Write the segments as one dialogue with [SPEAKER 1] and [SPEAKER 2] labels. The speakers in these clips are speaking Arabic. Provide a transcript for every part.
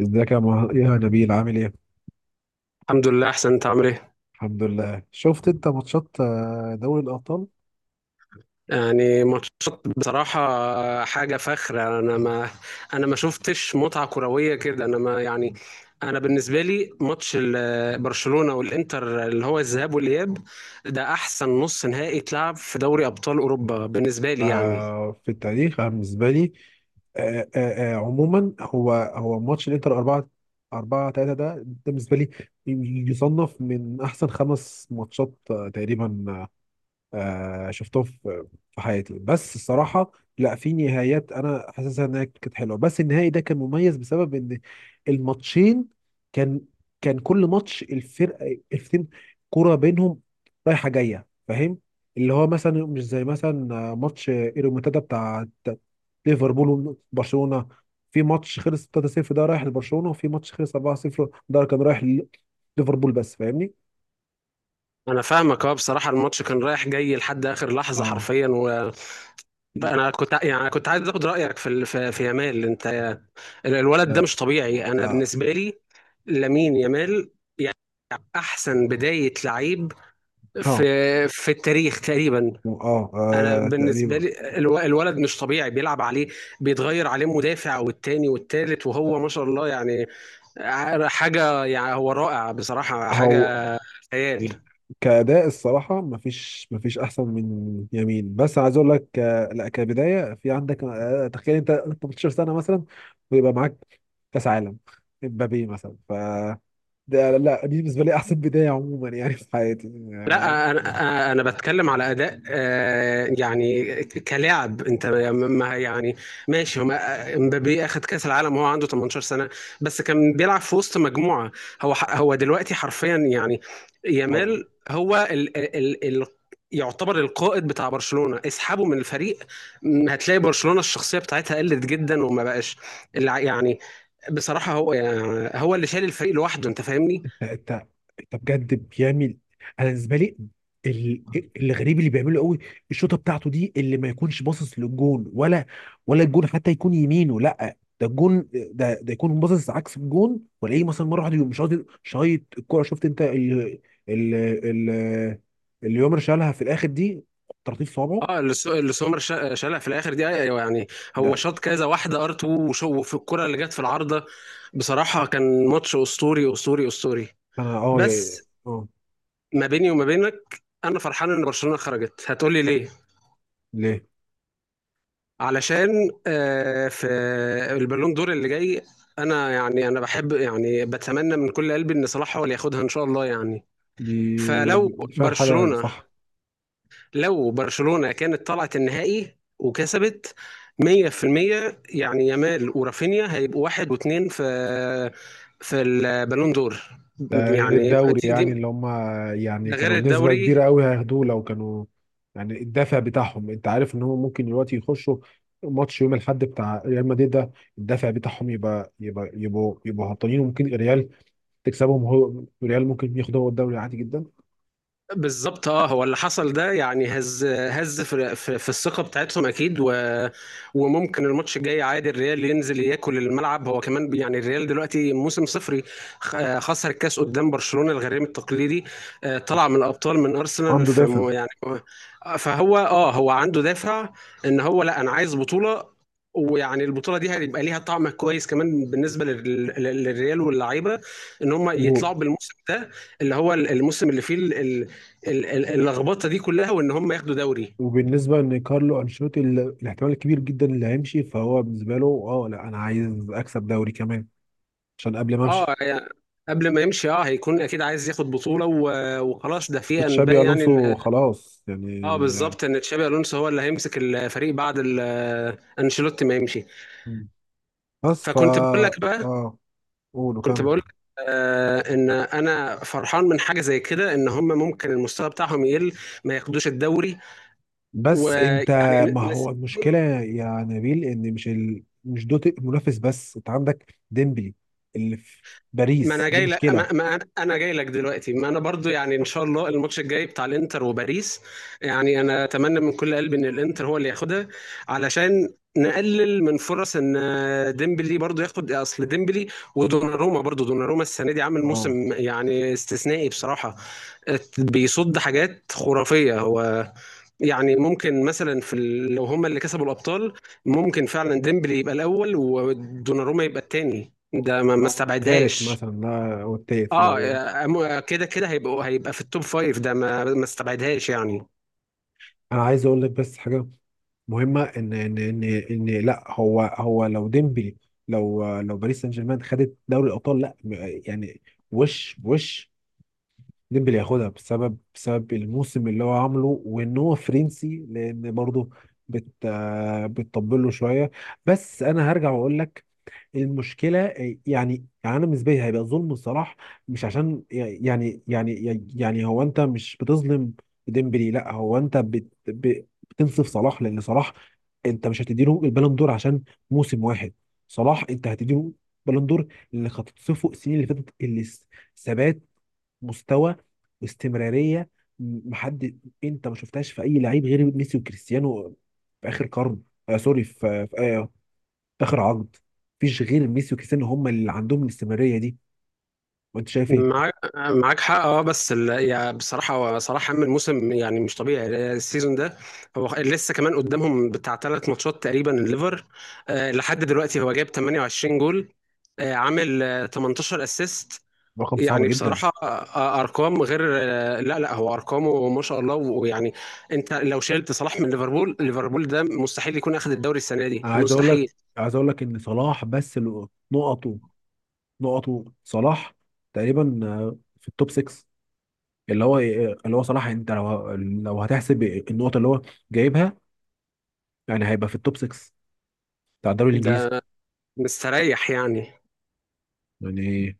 [SPEAKER 1] ازيك يا يا نبيل عامل ايه؟
[SPEAKER 2] الحمد لله، احسن. انت عامل ايه؟
[SPEAKER 1] الحمد لله. شفت انت ماتشات دوري الابطال
[SPEAKER 2] يعني ماتشات بصراحة. آه، حاجة فخرة يعني. انا ما شفتش متعة كروية كده. انا ما يعني انا بالنسبة لي ماتش برشلونة والانتر، اللي هو الذهاب والاياب. ده احسن نص نهائي اتلعب في دوري ابطال اوروبا بالنسبة لي يعني.
[SPEAKER 1] في التاريخ. أنا بالنسبه لي عموما هو ماتش الانتر 4 4 3، ده بالنسبه لي يصنف من احسن خمس ماتشات تقريبا شفتهم في حياتي. بس الصراحة لا، في نهايات انا حاسسها انها كانت حلوة، بس النهائي ده كان مميز بسبب ان الماتشين كان كان كل ماتش الفرقتين كرة بينهم رايحة جاية، فاهم؟ اللي هو مثلا مش زي مثلا ماتش الريمونتادا بتاع ليفربول وبرشلونة. في ماتش خلص 3-0 ده رايح لبرشلونة، وفي ماتش خلص 4-0 ده كان رايح ليفربول، بس فاهمني؟
[SPEAKER 2] انا فاهمك، اه، بصراحة الماتش كان رايح جاي لحد اخر لحظة
[SPEAKER 1] اه.
[SPEAKER 2] حرفيا. وانا كنت يعني أنا كنت عايز اخد رأيك في يامال. انت آه، الولد ده
[SPEAKER 1] لا،
[SPEAKER 2] مش طبيعي انا
[SPEAKER 1] اه
[SPEAKER 2] بالنسبة لي. لامين يامال احسن بدايه لعيب في
[SPEAKER 1] اه
[SPEAKER 2] في التاريخ تقريبا.
[SPEAKER 1] اه
[SPEAKER 2] انا بالنسبه
[SPEAKER 1] تقريبا.
[SPEAKER 2] لي الولد مش طبيعي، بيلعب عليه، بيتغير عليه مدافع والتاني والتالت، وهو ما شاء الله يعني. حاجه يعني، هو رائع بصراحه،
[SPEAKER 1] هو
[SPEAKER 2] حاجه خيال.
[SPEAKER 1] كأداء الصراحة مفيش، مفيش أحسن من يمين، بس عايز أقول لك لا، كبداية في عندك تخيل أنت 18 سنة مثلا ويبقى معاك كأس عالم، امبابي مثلا. ف ده لا، دي بالنسبة لي أحسن بداية عموما يعني في حياتي.
[SPEAKER 2] لا، انا بتكلم على اداء آه، يعني كلاعب انت ما يعني. ماشي، هو امبابي اخد كاس العالم وهو عنده 18 سنه، بس كان بيلعب في وسط مجموعه. هو دلوقتي حرفيا يعني
[SPEAKER 1] آه،
[SPEAKER 2] يامال هو ال ال ال يعتبر القائد بتاع برشلونه. اسحبه من الفريق، هتلاقي برشلونه الشخصيه بتاعتها قلت جدا وما بقاش يعني. بصراحه هو، يعني، اللي شايل الفريق لوحده، انت فاهمني.
[SPEAKER 1] لا، انت بجد بيعمل. انا بالنسبه لي ال- الغريب اللي بيعمله قوي الشوطه بتاعته دي، اللي ما يكونش باصص للجون ولا، ولا الجون حتى يكون يمينه، لا ده الجون ده ده يكون باصص عكس الجون ولاقيه مثلا مره واحده يقوم شايط شايط الكوره. شفت انت ال ال اللي يومر شالها في الاخر دي؟ ترطيب صوابعه
[SPEAKER 2] اه، اللي سومر شالها في الاخر دي، ايوه يعني. هو
[SPEAKER 1] ده.
[SPEAKER 2] شاط كذا واحده ار 2، وشو في الكره اللي جت في العارضه. بصراحه كان ماتش اسطوري اسطوري اسطوري.
[SPEAKER 1] انا اه
[SPEAKER 2] بس
[SPEAKER 1] اه.
[SPEAKER 2] ما بيني وما بينك انا فرحان ان برشلونه خرجت. هتقولي ليه؟
[SPEAKER 1] ليه؟
[SPEAKER 2] علشان آه، في البالون دور اللي جاي، انا بحب، يعني بتمنى من كل قلبي ان صلاح هو اللي ياخدها ان شاء الله يعني.
[SPEAKER 1] دي
[SPEAKER 2] فلو
[SPEAKER 1] دي فعلا حاجه
[SPEAKER 2] برشلونه
[SPEAKER 1] صح.
[SPEAKER 2] لو برشلونة كانت طلعت النهائي وكسبت، 100% يعني يامال ورافينيا هيبقوا واحد واثنين في البالون دور
[SPEAKER 1] ده غير
[SPEAKER 2] يعني
[SPEAKER 1] الدوري، يعني
[SPEAKER 2] دي
[SPEAKER 1] اللي هم يعني
[SPEAKER 2] ده غير
[SPEAKER 1] كانوا بنسبة
[SPEAKER 2] الدوري.
[SPEAKER 1] كبيرة قوي هياخدوه لو كانوا، يعني الدافع بتاعهم انت عارف ان هم ممكن دلوقتي يخشوا ماتش يوم الاحد بتاع ريال مدريد ده، الدافع بتاعهم يبقى يبقوا هبطانين وممكن ريال تكسبهم. هو ريال ممكن ياخدوا هو الدوري عادي جدا.
[SPEAKER 2] بالظبط، اه، هو اللي حصل ده يعني هز، هز في، في الثقه بتاعتهم اكيد، و وممكن الماتش الجاي عادي الريال ينزل ياكل الملعب. هو كمان يعني الريال دلوقتي موسم صفري، خسر الكاس قدام برشلونه الغريم التقليدي، آه، طلع من الابطال من ارسنال
[SPEAKER 1] عنده
[SPEAKER 2] في
[SPEAKER 1] دافع.
[SPEAKER 2] يعني. فهو، هو، عنده دافع ان هو، لا، انا عايز بطوله. ويعني البطوله دي هيبقى ليها طعم كويس كمان بالنسبه للريال واللعيبه، ان هم
[SPEAKER 1] و-
[SPEAKER 2] يطلعوا بالموسم ده، اللي هو الموسم اللي فيه اللخبطه دي كلها، وان هم ياخدوا دوري.
[SPEAKER 1] وبالنسبة ان كارلو انشيلوتي الاحتمال الكبير جدا اللي هيمشي، فهو بالنسبة له اه، لا انا عايز اكسب دوري كمان عشان قبل ما
[SPEAKER 2] اه
[SPEAKER 1] امشي.
[SPEAKER 2] يعني، قبل ما يمشي اه هيكون اكيد عايز ياخد بطوله وخلاص. ده في
[SPEAKER 1] تشابي
[SPEAKER 2] انباء يعني
[SPEAKER 1] الونسو
[SPEAKER 2] ان،
[SPEAKER 1] خلاص
[SPEAKER 2] اه،
[SPEAKER 1] يعني.
[SPEAKER 2] بالظبط، ان تشابي الونسو هو اللي هيمسك الفريق بعد انشيلوتي ما يمشي.
[SPEAKER 1] بس فا
[SPEAKER 2] فكنت بقول لك بقى
[SPEAKER 1] اه، قولوا
[SPEAKER 2] كنت
[SPEAKER 1] كمل.
[SPEAKER 2] بقول لك آه، ان انا فرحان من حاجه زي كده، ان هم ممكن المستوى بتاعهم يقل، ما ياخدوش الدوري
[SPEAKER 1] بس انت،
[SPEAKER 2] ويعني
[SPEAKER 1] ما هو المشكله
[SPEAKER 2] نسيبهم.
[SPEAKER 1] يا نبيل ان مش مش دوت منافس بس، انت عندك ديمبلي اللي في
[SPEAKER 2] ما
[SPEAKER 1] باريس،
[SPEAKER 2] انا
[SPEAKER 1] دي
[SPEAKER 2] جاي لك
[SPEAKER 1] مشكله.
[SPEAKER 2] ما ما أنا- انا جاي لك دلوقتي. ما انا برضو يعني ان شاء الله الماتش الجاي بتاع الانتر وباريس، يعني انا اتمنى من كل قلبي ان الانتر هو اللي ياخدها، علشان نقلل من فرص ان ديمبلي برضو ياخد. اصل ديمبلي ودوناروما، برضو دوناروما السنه دي عامل
[SPEAKER 1] اه،
[SPEAKER 2] موسم يعني استثنائي بصراحه. بيصد حاجات خرافيه هو، يعني ممكن مثلا في لو هما اللي كسبوا الابطال، ممكن فعلا ديمبلي يبقى الاول ودوناروما يبقى الثاني، ده ما
[SPEAKER 1] او التالت
[SPEAKER 2] استبعدهاش.
[SPEAKER 1] مثلا، لا او التالت، لا
[SPEAKER 2] اه،
[SPEAKER 1] يعني.
[SPEAKER 2] كده كده هيبقى في التوب فايف، ده ما استبعدهاش يعني.
[SPEAKER 1] انا عايز اقول لك بس حاجه مهمه، ان ان لا، هو لو ديمبلي، لو لو باريس سان جيرمان خدت دوري الابطال، لا يعني وش ديمبلي ياخدها بسبب بسبب الموسم اللي هو عامله، وان هو فرنسي لان برضه بت بتطبل له شويه. بس انا هرجع واقول لك المشكله يعني انا بالنسبه لي هيبقى ظلم صلاح. مش عشان يعني هو انت مش بتظلم ديمبلي، لا هو انت بتنصف صلاح، لان صلاح انت مش هتديله البالون دور عشان موسم واحد. صلاح انت هتديله بالون دور اللي هتتصفه السنين اللي فاتت، اللي ثبات مستوى واستمراريه. محد، انت ما شفتهاش في اي لعيب غير ميسي وكريستيانو، في اخر قرن. آه، سوري، آه في اخر عقد مفيش غير ميسي وكريستيانو هم اللي عندهم الاستمراريه دي. وانت شايف ايه؟
[SPEAKER 2] معاك حق، اه، بس يعني بصراحه، صراحه عامل موسم يعني مش طبيعي السيزون ده. هو لسه كمان قدامهم بتاع ثلاث ماتشات تقريبا الليفر. آه، لحد دلوقتي هو جايب 28 جول، آه، عامل آه 18 اسيست
[SPEAKER 1] رقم صعب
[SPEAKER 2] يعني.
[SPEAKER 1] جدا.
[SPEAKER 2] بصراحه ارقام غير، لا لا، هو ارقامه ما شاء الله ويعني، انت لو شلت صلاح من ليفربول، ليفربول ده مستحيل يكون اخذ الدوري السنه دي،
[SPEAKER 1] انا عايز اقول لك،
[SPEAKER 2] مستحيل.
[SPEAKER 1] عايز اقول لك ان صلاح بس نقطه، نقطه صلاح تقريبا في التوب 6، اللي هو اللي هو صلاح انت لو لو هتحسب النقط اللي هو جايبها يعني هيبقى في التوب 6 بتاع الدوري الانجليزي
[SPEAKER 2] ده مستريح يعني.
[SPEAKER 1] يعني.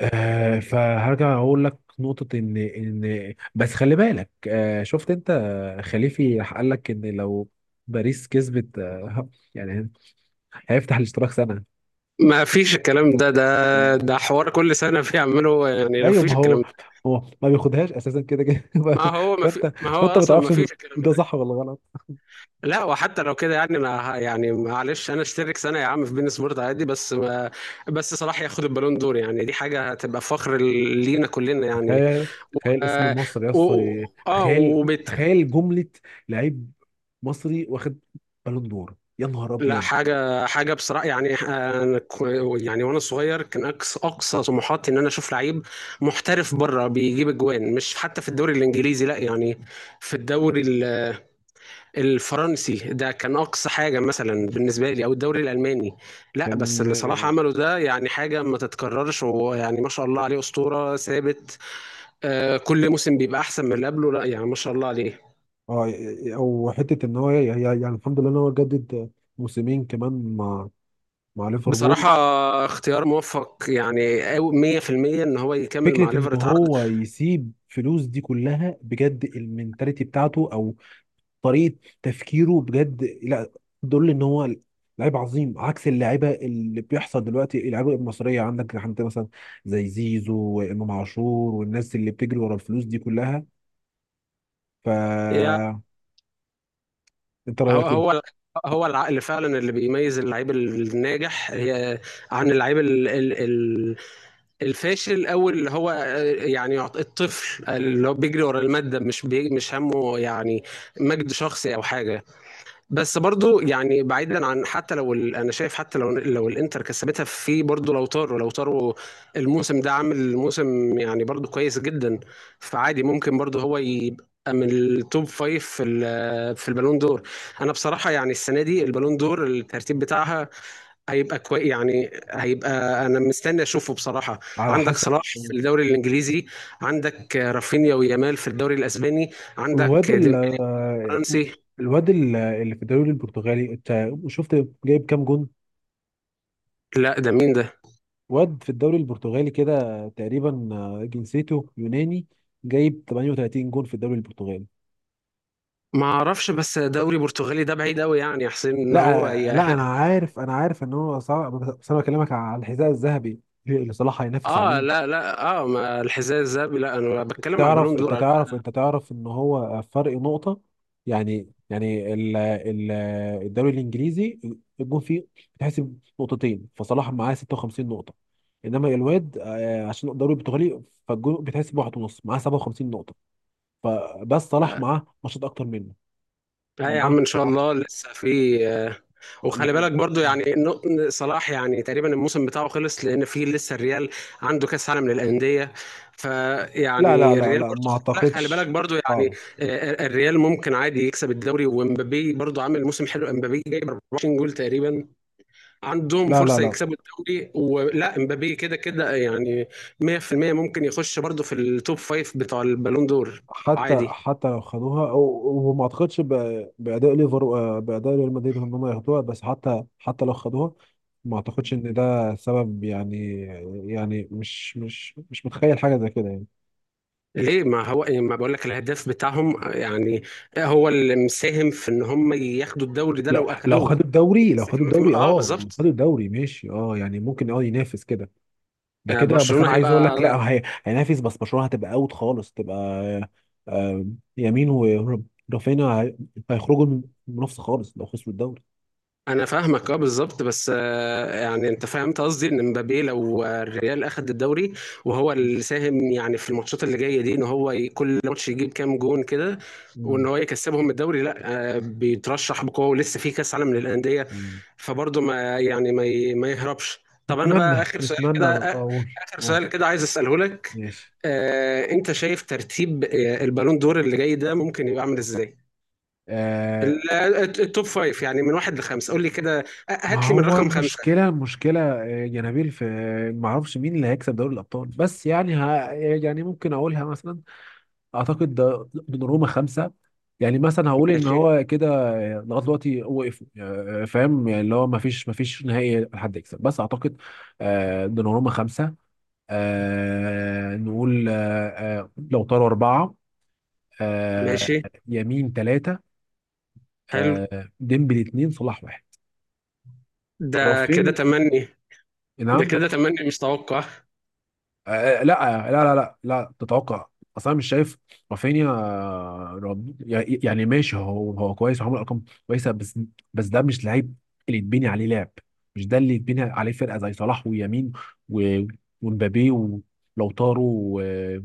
[SPEAKER 1] آه، فهرجع اقول لك نقطة ان بس خلي بالك. آه شفت انت خليفي راح قال لك ان لو باريس كسبت يعني هيفتح الاشتراك سنة.
[SPEAKER 2] ما فيش الكلام ده، ده حوار كل سنة بيعمله يعني، ما
[SPEAKER 1] ايوه،
[SPEAKER 2] فيش
[SPEAKER 1] ما
[SPEAKER 2] الكلام
[SPEAKER 1] هو
[SPEAKER 2] ده.
[SPEAKER 1] هو ما بياخدهاش اساسا كده كده فانت
[SPEAKER 2] ما
[SPEAKER 1] فانت
[SPEAKER 2] هو
[SPEAKER 1] ما
[SPEAKER 2] أصلا ما
[SPEAKER 1] تعرفش ده،
[SPEAKER 2] فيش الكلام
[SPEAKER 1] ده
[SPEAKER 2] ده.
[SPEAKER 1] صح ولا غلط؟
[SPEAKER 2] لا، وحتى لو كده، يعني أنا يعني معلش أنا أشترك سنة يا عم في بين سبورت، عادي، بس ما بس صلاح ياخد البالون دور، يعني دي حاجة هتبقى فخر لينا كلنا يعني
[SPEAKER 1] تخيل
[SPEAKER 2] و-
[SPEAKER 1] تخيل اسم
[SPEAKER 2] آه
[SPEAKER 1] مصر يا اسطى! تخيل
[SPEAKER 2] وبالتالي،
[SPEAKER 1] تخيل جملة لعيب مصري واخد بالون دور، يا نهار
[SPEAKER 2] لا،
[SPEAKER 1] ابيض!
[SPEAKER 2] حاجة حاجة بصراحة يعني آه، أنا يعني وأنا صغير كان أقصى أقصى طموحاتي إن أنا أشوف لعيب محترف بره بيجيب أجوان، مش حتى في الدوري الإنجليزي، لا يعني، في الدوري الفرنسي، ده كان أقصى حاجة مثلا بالنسبة لي أو الدوري الألماني. لا،
[SPEAKER 1] كان
[SPEAKER 2] بس اللي صلاح عمله ده يعني حاجة ما تتكررش، ويعني ما شاء الله عليه، أسطورة ثابت. آه، كل موسم بيبقى أحسن من اللي قبله، لا يعني ما شاء الله عليه.
[SPEAKER 1] اه او حته ان هو يعني الحمد لله ان هو جدد موسمين كمان مع مع ليفربول.
[SPEAKER 2] بصراحة اختيار موفق يعني، أو 100% إن هو يكمل مع
[SPEAKER 1] فكره ان
[SPEAKER 2] ليفر اتعرض.
[SPEAKER 1] هو يسيب فلوس دي كلها بجد، المنتاليتي بتاعته او طريقه تفكيره بجد، لا دول ان هو لعيب عظيم عكس اللعيبه اللي بيحصل دلوقتي، اللعيبه المصريه، عندك عندك مثلا زي زيزو وامام عاشور والناس اللي بتجري ورا الفلوس دي كلها.
[SPEAKER 2] يعني
[SPEAKER 1] فانت رايك ايه؟
[SPEAKER 2] هو هو هو العقل فعلا اللي بيميز اللعيب الناجح، هي، عن اللعيب الفاشل، او اللي هو آه، يعني الطفل اللي هو بيجري ورا المادة، مش همه يعني مجد شخصي او حاجة. بس برضو يعني، بعيدا عن، حتى لو انا شايف حتى لو الانتر كسبتها، في برضو لوتارو، لوتارو الموسم ده عامل موسم يعني برضو كويس جدا. فعادي ممكن برضو هو يبقى من التوب فايف في في البالون دور. انا بصراحه يعني السنه دي البالون دور، الترتيب بتاعها هيبقى كويس يعني. انا مستني اشوفه بصراحه.
[SPEAKER 1] على
[SPEAKER 2] عندك
[SPEAKER 1] حسب.
[SPEAKER 2] صلاح في الدوري الانجليزي، عندك رافينيا ويامال في الدوري الاسباني،
[SPEAKER 1] الواد
[SPEAKER 2] عندك
[SPEAKER 1] ال
[SPEAKER 2] ديمبلي الفرنسي.
[SPEAKER 1] الواد اللي في الدوري البرتغالي، انت شفت جايب كام جون؟
[SPEAKER 2] لا، ده مين ده؟
[SPEAKER 1] واد في الدوري البرتغالي كده تقريبا جنسيته يوناني، جايب 38 جون في الدوري البرتغالي.
[SPEAKER 2] ما اعرفش، بس دوري برتغالي ده بعيد قوي يعني يا حسين ان هو
[SPEAKER 1] لا
[SPEAKER 2] يا
[SPEAKER 1] لا، انا عارف، انا عارف ان هو صعب، بس انا بكلمك على الحذاء الذهبي اللي صلاح هينافس
[SPEAKER 2] اه،
[SPEAKER 1] عليه.
[SPEAKER 2] لا لا، اه، ما الحذاء الذهبي، لا انا
[SPEAKER 1] انت
[SPEAKER 2] بتكلم على
[SPEAKER 1] تعرف،
[SPEAKER 2] البالون
[SPEAKER 1] انت
[SPEAKER 2] دور.
[SPEAKER 1] تعرف انت تعرف ان هو فرق نقطة؟ يعني يعني ال الدوري الانجليزي الجون فيه بتحسب نقطتين، فصلاح معاه 56 نقطة، انما الواد عشان الدوري البرتغالي فالجون بتحسب واحد ونص، معاه 57 نقطة. فبس صلاح
[SPEAKER 2] انا،
[SPEAKER 1] معاه ماتشات اكتر منه،
[SPEAKER 2] لا يا
[SPEAKER 1] معاه
[SPEAKER 2] عم، ان شاء الله
[SPEAKER 1] ماتش.
[SPEAKER 2] لسه في آه، وخلي بالك برضو يعني صلاح يعني تقريبا الموسم بتاعه خلص، لان في لسه الريال عنده كاس عالم للانديه.
[SPEAKER 1] لا لا
[SPEAKER 2] فيعني
[SPEAKER 1] لا
[SPEAKER 2] الريال
[SPEAKER 1] لا،
[SPEAKER 2] برضو،
[SPEAKER 1] ما
[SPEAKER 2] لا، خلي بالك
[SPEAKER 1] اعتقدش.
[SPEAKER 2] برضو يعني
[SPEAKER 1] صعب.
[SPEAKER 2] الريال ممكن عادي يكسب الدوري، ومبابي برضو عامل موسم حلو، مبابي جايب 24 جول تقريبا. عندهم
[SPEAKER 1] لا لا
[SPEAKER 2] فرصة
[SPEAKER 1] لا.
[SPEAKER 2] يكسبوا الدوري، ولا امبابي كده كده يعني 100% ممكن يخش برضه في التوب فايف بتاع البالون دور،
[SPEAKER 1] حتى
[SPEAKER 2] عادي.
[SPEAKER 1] حتى لو خدوها وما اعتقدش باداء ليفر، باداء ريال مدريد، ان هم ياخدوها، بس حتى حتى لو خدوها ما اعتقدش ان ده سبب يعني. يعني مش مش متخيل حاجه زي كده يعني.
[SPEAKER 2] ليه؟ ما هو ما بقول لك، الهداف بتاعهم يعني هو اللي مساهم في ان هم ياخدوا الدوري ده
[SPEAKER 1] لو
[SPEAKER 2] لو
[SPEAKER 1] لو خدوا
[SPEAKER 2] اخدوه.
[SPEAKER 1] الدوري، لو
[SPEAKER 2] لسه
[SPEAKER 1] خدوا
[SPEAKER 2] كمان في
[SPEAKER 1] الدوري،
[SPEAKER 2] اه
[SPEAKER 1] اه لو
[SPEAKER 2] بالظبط.
[SPEAKER 1] خدوا الدوري ماشي، اه يعني ممكن اه ينافس كده، ده
[SPEAKER 2] آه،
[SPEAKER 1] كده. بس
[SPEAKER 2] برشلونة
[SPEAKER 1] انا عايز اقول
[SPEAKER 2] هيبقى.
[SPEAKER 1] لك، لا هي هينافس بس برشلونه هتبقى اوت خالص، تبقى آه، يمين ورافينا هيخرجوا من المنافسه خالص لو خسروا الدوري.
[SPEAKER 2] انا فاهمك، اه، بالظبط، بس آه، يعني انت فهمت قصدي ان مبابي، لو آه، الريال اخد الدوري وهو اللي ساهم يعني في الماتشات اللي جايه دي، ان هو كل ماتش يجيب كام جون كده وان هو يكسبهم الدوري، لا، آه، بيترشح بقوه، ولسه في كاس عالم للانديه.
[SPEAKER 1] مم.
[SPEAKER 2] فبرضه ما يعني ما ي- ما يهربش. طب انا بقى
[SPEAKER 1] نتمنى،
[SPEAKER 2] اخر سؤال
[SPEAKER 1] نتمنى
[SPEAKER 2] كده
[SPEAKER 1] بقى اقول.
[SPEAKER 2] اخر
[SPEAKER 1] أقول.
[SPEAKER 2] سؤال كده عايز اساله لك.
[SPEAKER 1] ماشي.
[SPEAKER 2] آه، انت شايف ترتيب آه، البالون دور اللي جاي ده ممكن يبقى عامل ازاي؟
[SPEAKER 1] آه،
[SPEAKER 2] التوب فايف يعني، من واحد لخمسة، قول لي كده،
[SPEAKER 1] ما
[SPEAKER 2] هات لي من
[SPEAKER 1] هو
[SPEAKER 2] رقم خمسة.
[SPEAKER 1] المشكلة، المشكلة يا نبيل، في ما اعرفش مين اللي هيكسب دوري الابطال، بس يعني ها يعني ممكن اقولها مثلا. اعتقد ده من روما خمسة، يعني مثلا هقول ان
[SPEAKER 2] ماشي.
[SPEAKER 1] هو كده لغايه دلوقتي وقفوا فاهم يعني اللي هو ما فيش ما فيش نهائي حد يكسب، بس اعتقد آه دوناروما خمسة، آه نقول آه آه لو طاروا اربعة آه.
[SPEAKER 2] ماشي.
[SPEAKER 1] يمين ثلاثة.
[SPEAKER 2] حلو.
[SPEAKER 1] ديمبلي اتنين، صلاح واحد.
[SPEAKER 2] ده كده
[SPEAKER 1] رافين.
[SPEAKER 2] تمني. ده
[SPEAKER 1] نعم؟
[SPEAKER 2] كده تمني مش توقع.
[SPEAKER 1] لا تتوقع، اصل انا مش شايف رافينيا يعني ماشي هو هو كويس وعمل ارقام كويسه بس، بس ده مش لعيب اللي يتبني عليه لعب. مش ده اللي يتبني عليه فرقه، زي صلاح ويمين و- ومبابي ولوتارو و-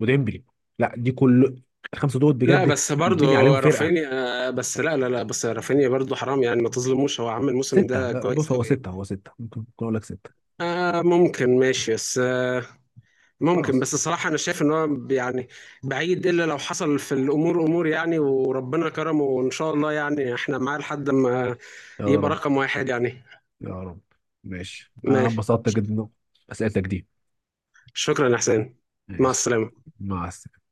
[SPEAKER 1] وديمبلي، لا دي كل الخمسه دول
[SPEAKER 2] لا،
[SPEAKER 1] بجد
[SPEAKER 2] بس برضه
[SPEAKER 1] يتبني عليهم فرقه.
[SPEAKER 2] رافينيا، بس لا لا لا، بس رافينيا برضه حرام يعني، ما تظلموش، هو عامل الموسم
[SPEAKER 1] سته
[SPEAKER 2] ده
[SPEAKER 1] بص،
[SPEAKER 2] كويس
[SPEAKER 1] هو
[SPEAKER 2] قوي.
[SPEAKER 1] سته، هو سته ممكن، ممكن اقول لك سته.
[SPEAKER 2] آه، ممكن، ماشي، بس آه، ممكن،
[SPEAKER 1] خلاص.
[SPEAKER 2] بس الصراحة أنا شايف إن هو يعني بعيد، إلا لو حصل في الأمور أمور يعني، وربنا كرمه، وإن شاء الله يعني إحنا معاه لحد ما
[SPEAKER 1] يا
[SPEAKER 2] يبقى
[SPEAKER 1] رب.
[SPEAKER 2] رقم واحد يعني.
[SPEAKER 1] يا رب. ماشي، انا
[SPEAKER 2] ماشي.
[SPEAKER 1] انبسطت جدا بأسئلتك دي.
[SPEAKER 2] شكرا يا حسين. مع
[SPEAKER 1] ماشي.
[SPEAKER 2] السلامة.
[SPEAKER 1] مع السلامة.